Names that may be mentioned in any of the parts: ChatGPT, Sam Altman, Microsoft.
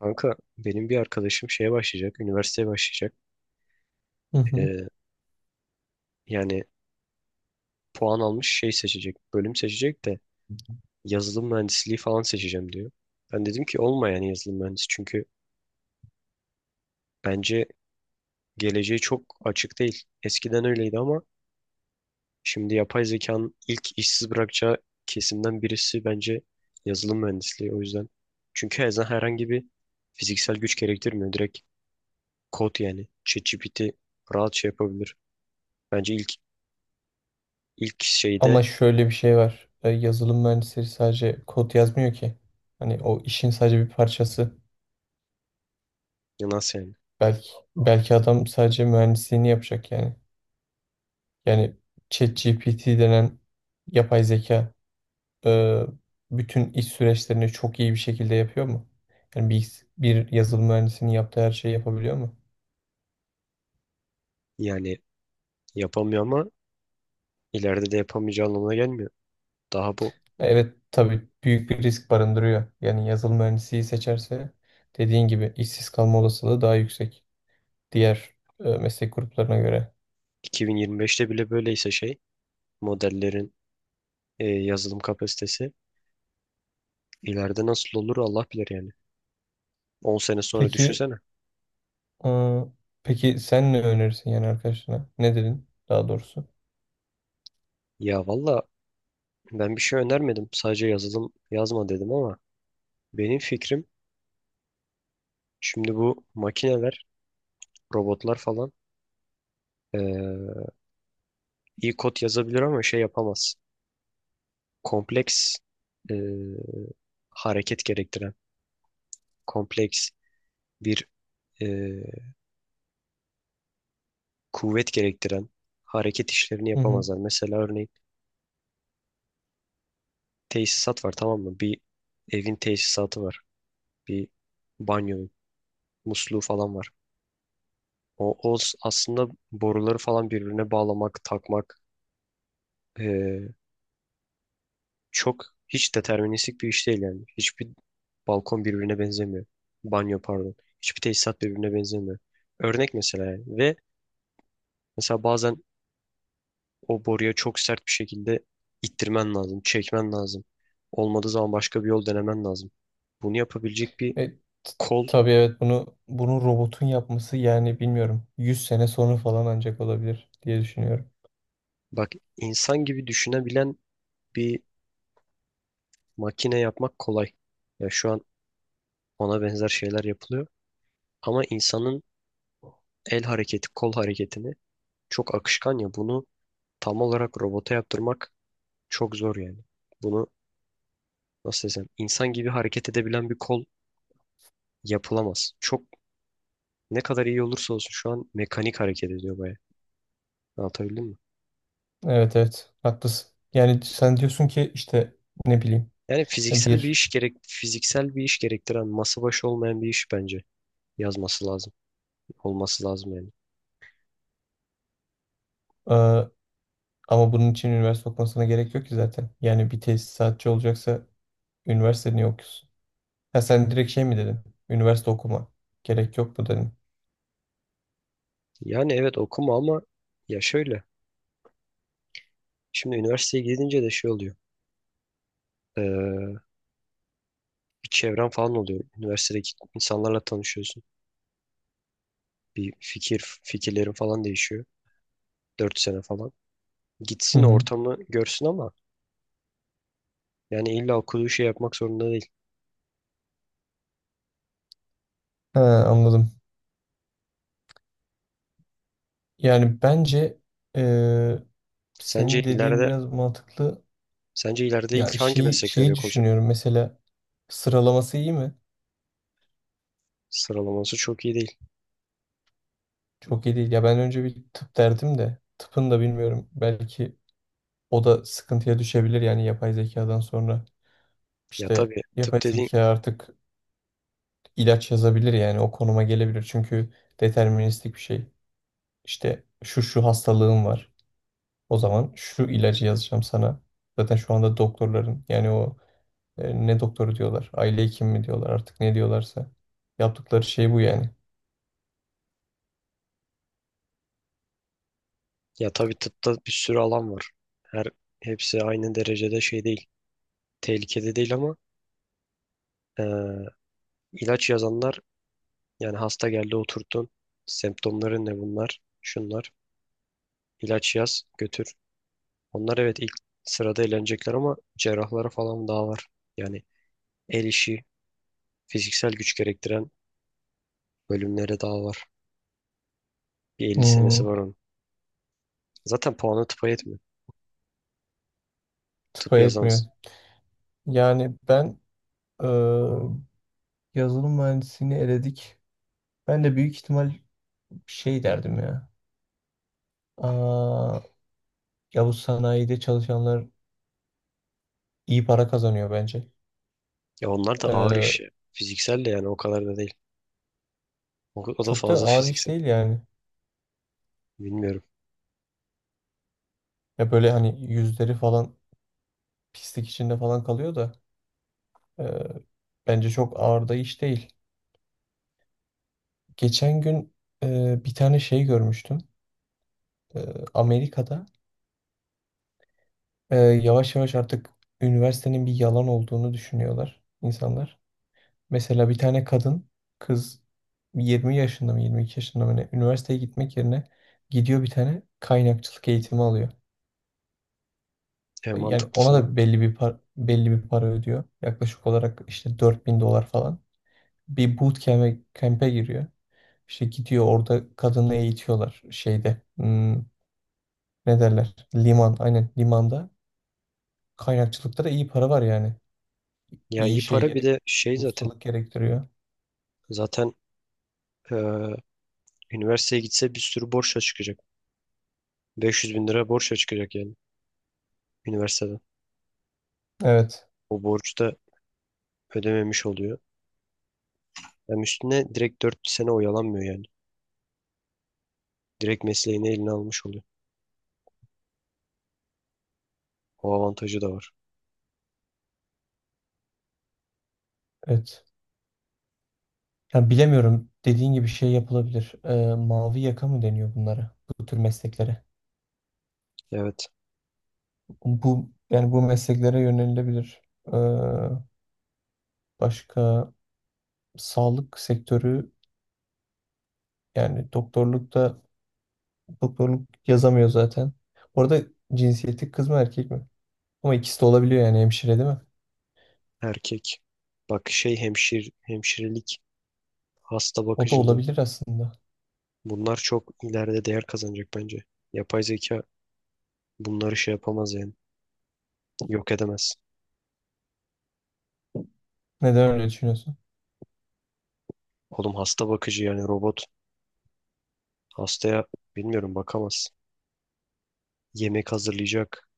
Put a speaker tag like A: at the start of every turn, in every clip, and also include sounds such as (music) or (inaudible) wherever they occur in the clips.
A: Kanka benim bir arkadaşım şeye başlayacak, üniversiteye başlayacak.
B: Hı hı.
A: Ee, Yani puan almış şey seçecek, bölüm seçecek de yazılım mühendisliği falan seçeceğim diyor. Ben dedim ki olma yani yazılım mühendisi, çünkü bence geleceği çok açık değil. Eskiden öyleydi ama şimdi yapay zekanın ilk işsiz bırakacağı kesimden birisi bence yazılım mühendisliği, o yüzden. Çünkü her zaman herhangi bir fiziksel güç gerektirmiyor. Direkt kod yani. ChatGPT rahat şey yapabilir. Bence ilk şeyde.
B: Ama şöyle bir şey var. Yazılım mühendisleri sadece kod yazmıyor ki. Hani o işin sadece bir parçası.
A: Ya, nasıl yani?
B: Belki belki adam sadece mühendisliğini yapacak yani. Yani ChatGPT denen yapay zeka e, bütün iş süreçlerini çok iyi bir şekilde yapıyor mu? Yani bir yazılım mühendisinin yaptığı her şeyi yapabiliyor mu?
A: Yani yapamıyor ama ileride de yapamayacağı anlamına gelmiyor. Daha bu
B: Evet tabii büyük bir risk barındırıyor. Yani yazılım mühendisliği seçerse dediğin gibi işsiz kalma olasılığı daha yüksek. Diğer meslek gruplarına göre.
A: 2025'te bile böyleyse şey modellerin yazılım kapasitesi ileride nasıl olur Allah bilir yani. 10 sene sonra
B: Peki,
A: düşünsene.
B: e, peki sen ne önerirsin yani arkadaşına? Ne dedin daha doğrusu?
A: Ya valla ben bir şey önermedim. Sadece yazılım yazma dedim ama benim fikrim, şimdi bu makineler, robotlar falan, e, iyi kod yazabilir ama şey yapamaz. Kompleks, e, hareket gerektiren, kompleks bir e, kuvvet gerektiren hareket işlerini
B: Hı hı.
A: yapamazlar. Mesela örneğin tesisat var, tamam mı? Bir evin tesisatı var. Bir banyonun musluğu falan var. Aslında boruları falan birbirine bağlamak, takmak, eee, çok, hiç deterministik bir iş değil yani. Hiçbir balkon birbirine benzemiyor. Banyo, pardon. Hiçbir tesisat birbirine benzemiyor. Örnek mesela yani. Ve mesela bazen o boruya çok sert bir şekilde ittirmen lazım, çekmen lazım. Olmadığı zaman başka bir yol denemen lazım. Bunu yapabilecek bir
B: E, t-
A: kol,
B: tabii evet bunu robotun yapması yani bilmiyorum. 100 sene sonra falan ancak olabilir diye düşünüyorum.
A: bak, insan gibi düşünebilen bir makine yapmak kolay. Ya şu an ona benzer şeyler yapılıyor. Ama insanın el hareketi, kol hareketini çok akışkan, ya bunu tam olarak robota yaptırmak çok zor yani. Bunu nasıl desem, insan gibi hareket edebilen bir kol yapılamaz. Çok, ne kadar iyi olursa olsun, şu an mekanik hareket ediyor baya. Anlatabildim mi?
B: Evet evet haklısın. Yani sen diyorsun ki işte ne bileyim
A: Yani fiziksel bir
B: bir
A: iş gerek, fiziksel bir iş gerektiren, masa başı olmayan bir iş bence yazması lazım. Olması lazım yani.
B: e, ama bunun için üniversite okumasına gerek yok ki zaten. Yani bir tesisatçı olacaksa üniversite niye okuyorsun? Ha sen direkt şey mi dedin? Üniversite okuma. Gerek yok mu dedin?
A: Yani evet, okuma ama ya şöyle. Şimdi üniversiteye gidince de şey oluyor. Ee, Bir çevren falan oluyor. Üniversitedeki insanlarla tanışıyorsun. Bir fikirlerin falan değişiyor. 4 sene falan.
B: Hı
A: Gitsin
B: hı.
A: ortamı görsün ama yani illa okuduğu şey yapmak zorunda değil.
B: Ha, anladım. Yani bence eee,
A: Sence
B: senin dediğin
A: ileride
B: biraz mantıklı.
A: sence ileride
B: Ya
A: ilk hangi
B: şeyi
A: meslekler
B: şeyi
A: yok olacak?
B: düşünüyorum mesela sıralaması iyi mi?
A: Sıralaması çok iyi değil.
B: Çok iyi değil. Ya ben önce bir tıp derdim de tıpın da bilmiyorum. Belki o da sıkıntıya düşebilir yani yapay zekadan sonra.
A: Ya
B: İşte
A: tabii
B: yapay
A: tıp dediğin
B: zeka artık ilaç yazabilir yani o konuma gelebilir. Çünkü deterministik bir şey. İşte şu hastalığım var. O zaman şu ilacı yazacağım sana. Zaten şu anda doktorların yani o ne doktoru diyorlar, aile hekimi mi diyorlar artık ne diyorlarsa. Yaptıkları şey bu yani.
A: ya tabii tıpta bir sürü alan var. Her hepsi aynı derecede şey değil. Tehlikede değil ama ee, İlaç yazanlar, yani hasta geldi oturdun. Semptomların ne, bunlar? Şunlar. İlaç yaz, götür. Onlar evet ilk sırada elenecekler ama cerrahlara falan daha var. Yani el işi, fiziksel güç gerektiren bölümlere daha var. Bir 50 senesi
B: Hmm,
A: var onun. Zaten puanı tıpa yetmiyor. Tıp
B: tıpa etmiyor.
A: yazamaz.
B: Yani ben e, yazılım mühendisliğini eledik. Ben de büyük ihtimal şey derdim ya. Aa, ya bu sanayide çalışanlar iyi para kazanıyor bence.
A: Ya onlar da ağır
B: Ee,
A: iş ya. Fiziksel de yani o kadar da değil. O da
B: çok da
A: fazla
B: ağır iş
A: fiziksel.
B: değil yani.
A: Bilmiyorum.
B: Ya böyle hani yüzleri falan pislik içinde falan kalıyor da e, bence çok ağır da iş değil. Geçen gün bir tane şey görmüştüm. E, Amerika'da yavaş yavaş artık üniversitenin bir yalan olduğunu düşünüyorlar insanlar. Mesela bir tane kadın kız 20 yaşında mı 22 yaşında mı ne üniversiteye gitmek yerine gidiyor bir tane kaynakçılık eğitimi alıyor.
A: E,
B: Yani
A: mantıklı
B: ona
A: sana.
B: da belli bir para ödüyor. Yaklaşık olarak işte 4.000 dolar falan. Bir camp'e giriyor. İşte gidiyor orada kadını eğitiyorlar şeyde. Hmm, ne derler? Liman. Aynen limanda. Kaynakçılıkta da iyi para var yani.
A: Ya
B: İyi
A: iyi
B: şey
A: para, bir
B: gerek.
A: de
B: İyi
A: şey zaten.
B: ustalık gerektiriyor.
A: Zaten e, üniversiteye gitse bir sürü borçla çıkacak. 500 bin lira borç çıkacak yani üniversiteden.
B: Evet.
A: O borcu da ödememiş oluyor. Hem üstüne direkt 4 sene oyalanmıyor yani. Direkt mesleğini eline almış oluyor. O avantajı da var.
B: Evet. Yani bilemiyorum. Dediğin gibi şey yapılabilir. Mavi yaka mı deniyor bunlara? Bu tür mesleklere.
A: Evet.
B: Bu yani bu mesleklere yönelilebilir. Ee, başka sağlık sektörü yani doktorlukta doktorluk yazamıyor zaten. Orada cinsiyeti kız mı erkek mi? Ama ikisi de olabiliyor yani hemşire değil mi?
A: Erkek. Bak şey hemşirelik, hasta
B: O da
A: bakıcılığı.
B: olabilir aslında.
A: Bunlar çok ileride değer kazanacak bence. Yapay zeka bunları şey yapamaz yani. Yok edemez.
B: Neden öyle düşünüyorsun?
A: Oğlum hasta bakıcı yani robot. Hastaya bilmiyorum bakamaz. Yemek hazırlayacak.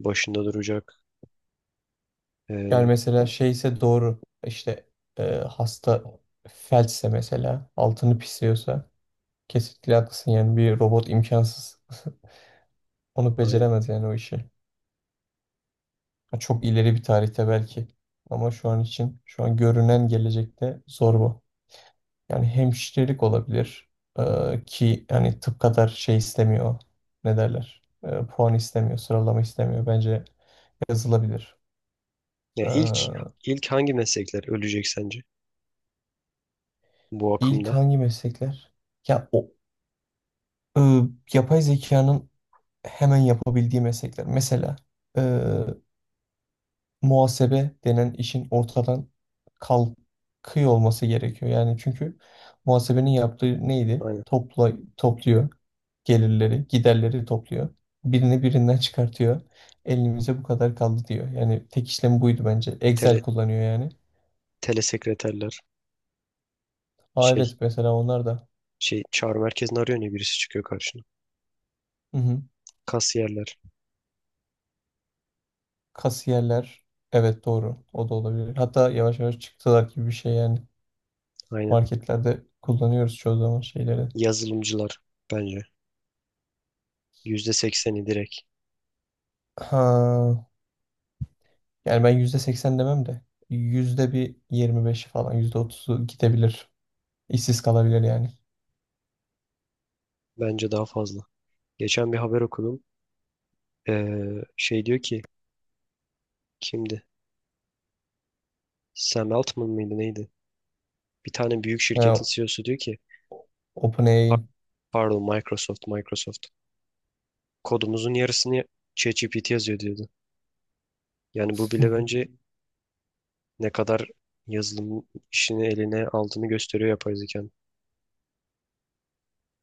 A: Başında duracak.
B: Yani
A: Ee,
B: mesela şeyse doğru işte hasta felçse mesela altını pisliyorsa kesinlikle haklısın yani bir robot imkansız. Onu beceremez yani o işi. Ha, çok ileri bir tarihte belki. Ama şu an için, şu an görünen gelecekte zor bu. Yani hemşirelik olabilir. Ki yani tıp kadar şey istemiyor. Ne derler? Puan istemiyor, sıralama istemiyor. Bence yazılabilir.
A: Ya ilk
B: Ee,
A: ilk hangi meslekler ölecek sence bu
B: ilk
A: akımda?
B: hangi meslekler? Ya o e, yapay zekanın hemen yapabildiği meslekler. Mesela muhasebe denen işin ortadan kalkıyor olması gerekiyor. Yani çünkü muhasebenin yaptığı neydi?
A: Aynen.
B: Topla, topluyor gelirleri, giderleri topluyor. Birini birinden çıkartıyor. Elimize bu kadar kaldı diyor. Yani tek işlem buydu bence.
A: Tele
B: Excel kullanıyor yani.
A: telesekreterler,
B: Aa
A: şey
B: evet mesela onlar da.
A: şey çağrı merkezini arıyor ya, birisi çıkıyor karşına.
B: Hı hı.
A: Kasiyerler,
B: Kasiyerler. Evet doğru. O da olabilir. Hatta yavaş yavaş çıktılar gibi bir şey yani.
A: aynen.
B: Marketlerde kullanıyoruz çoğu zaman şeyleri.
A: Yazılımcılar bence. %80'i direkt.
B: Ha. Yani ben %80 demem de %125 falan %30 gidebilir. İşsiz kalabilir yani.
A: Bence daha fazla. Geçen bir haber okudum. Ee, Şey diyor ki, kimdi? Sam Altman mıydı neydi? Bir tane büyük şirketin
B: Ha,
A: CEO'su diyor ki: "Ha-
B: OpenAI'in.
A: pardon Microsoft kodumuzun yarısını ChatGPT yazıyor," diyordu. Yani bu bile
B: (laughs)
A: bence ne kadar yazılım işini eline aldığını gösteriyor yapay zeka.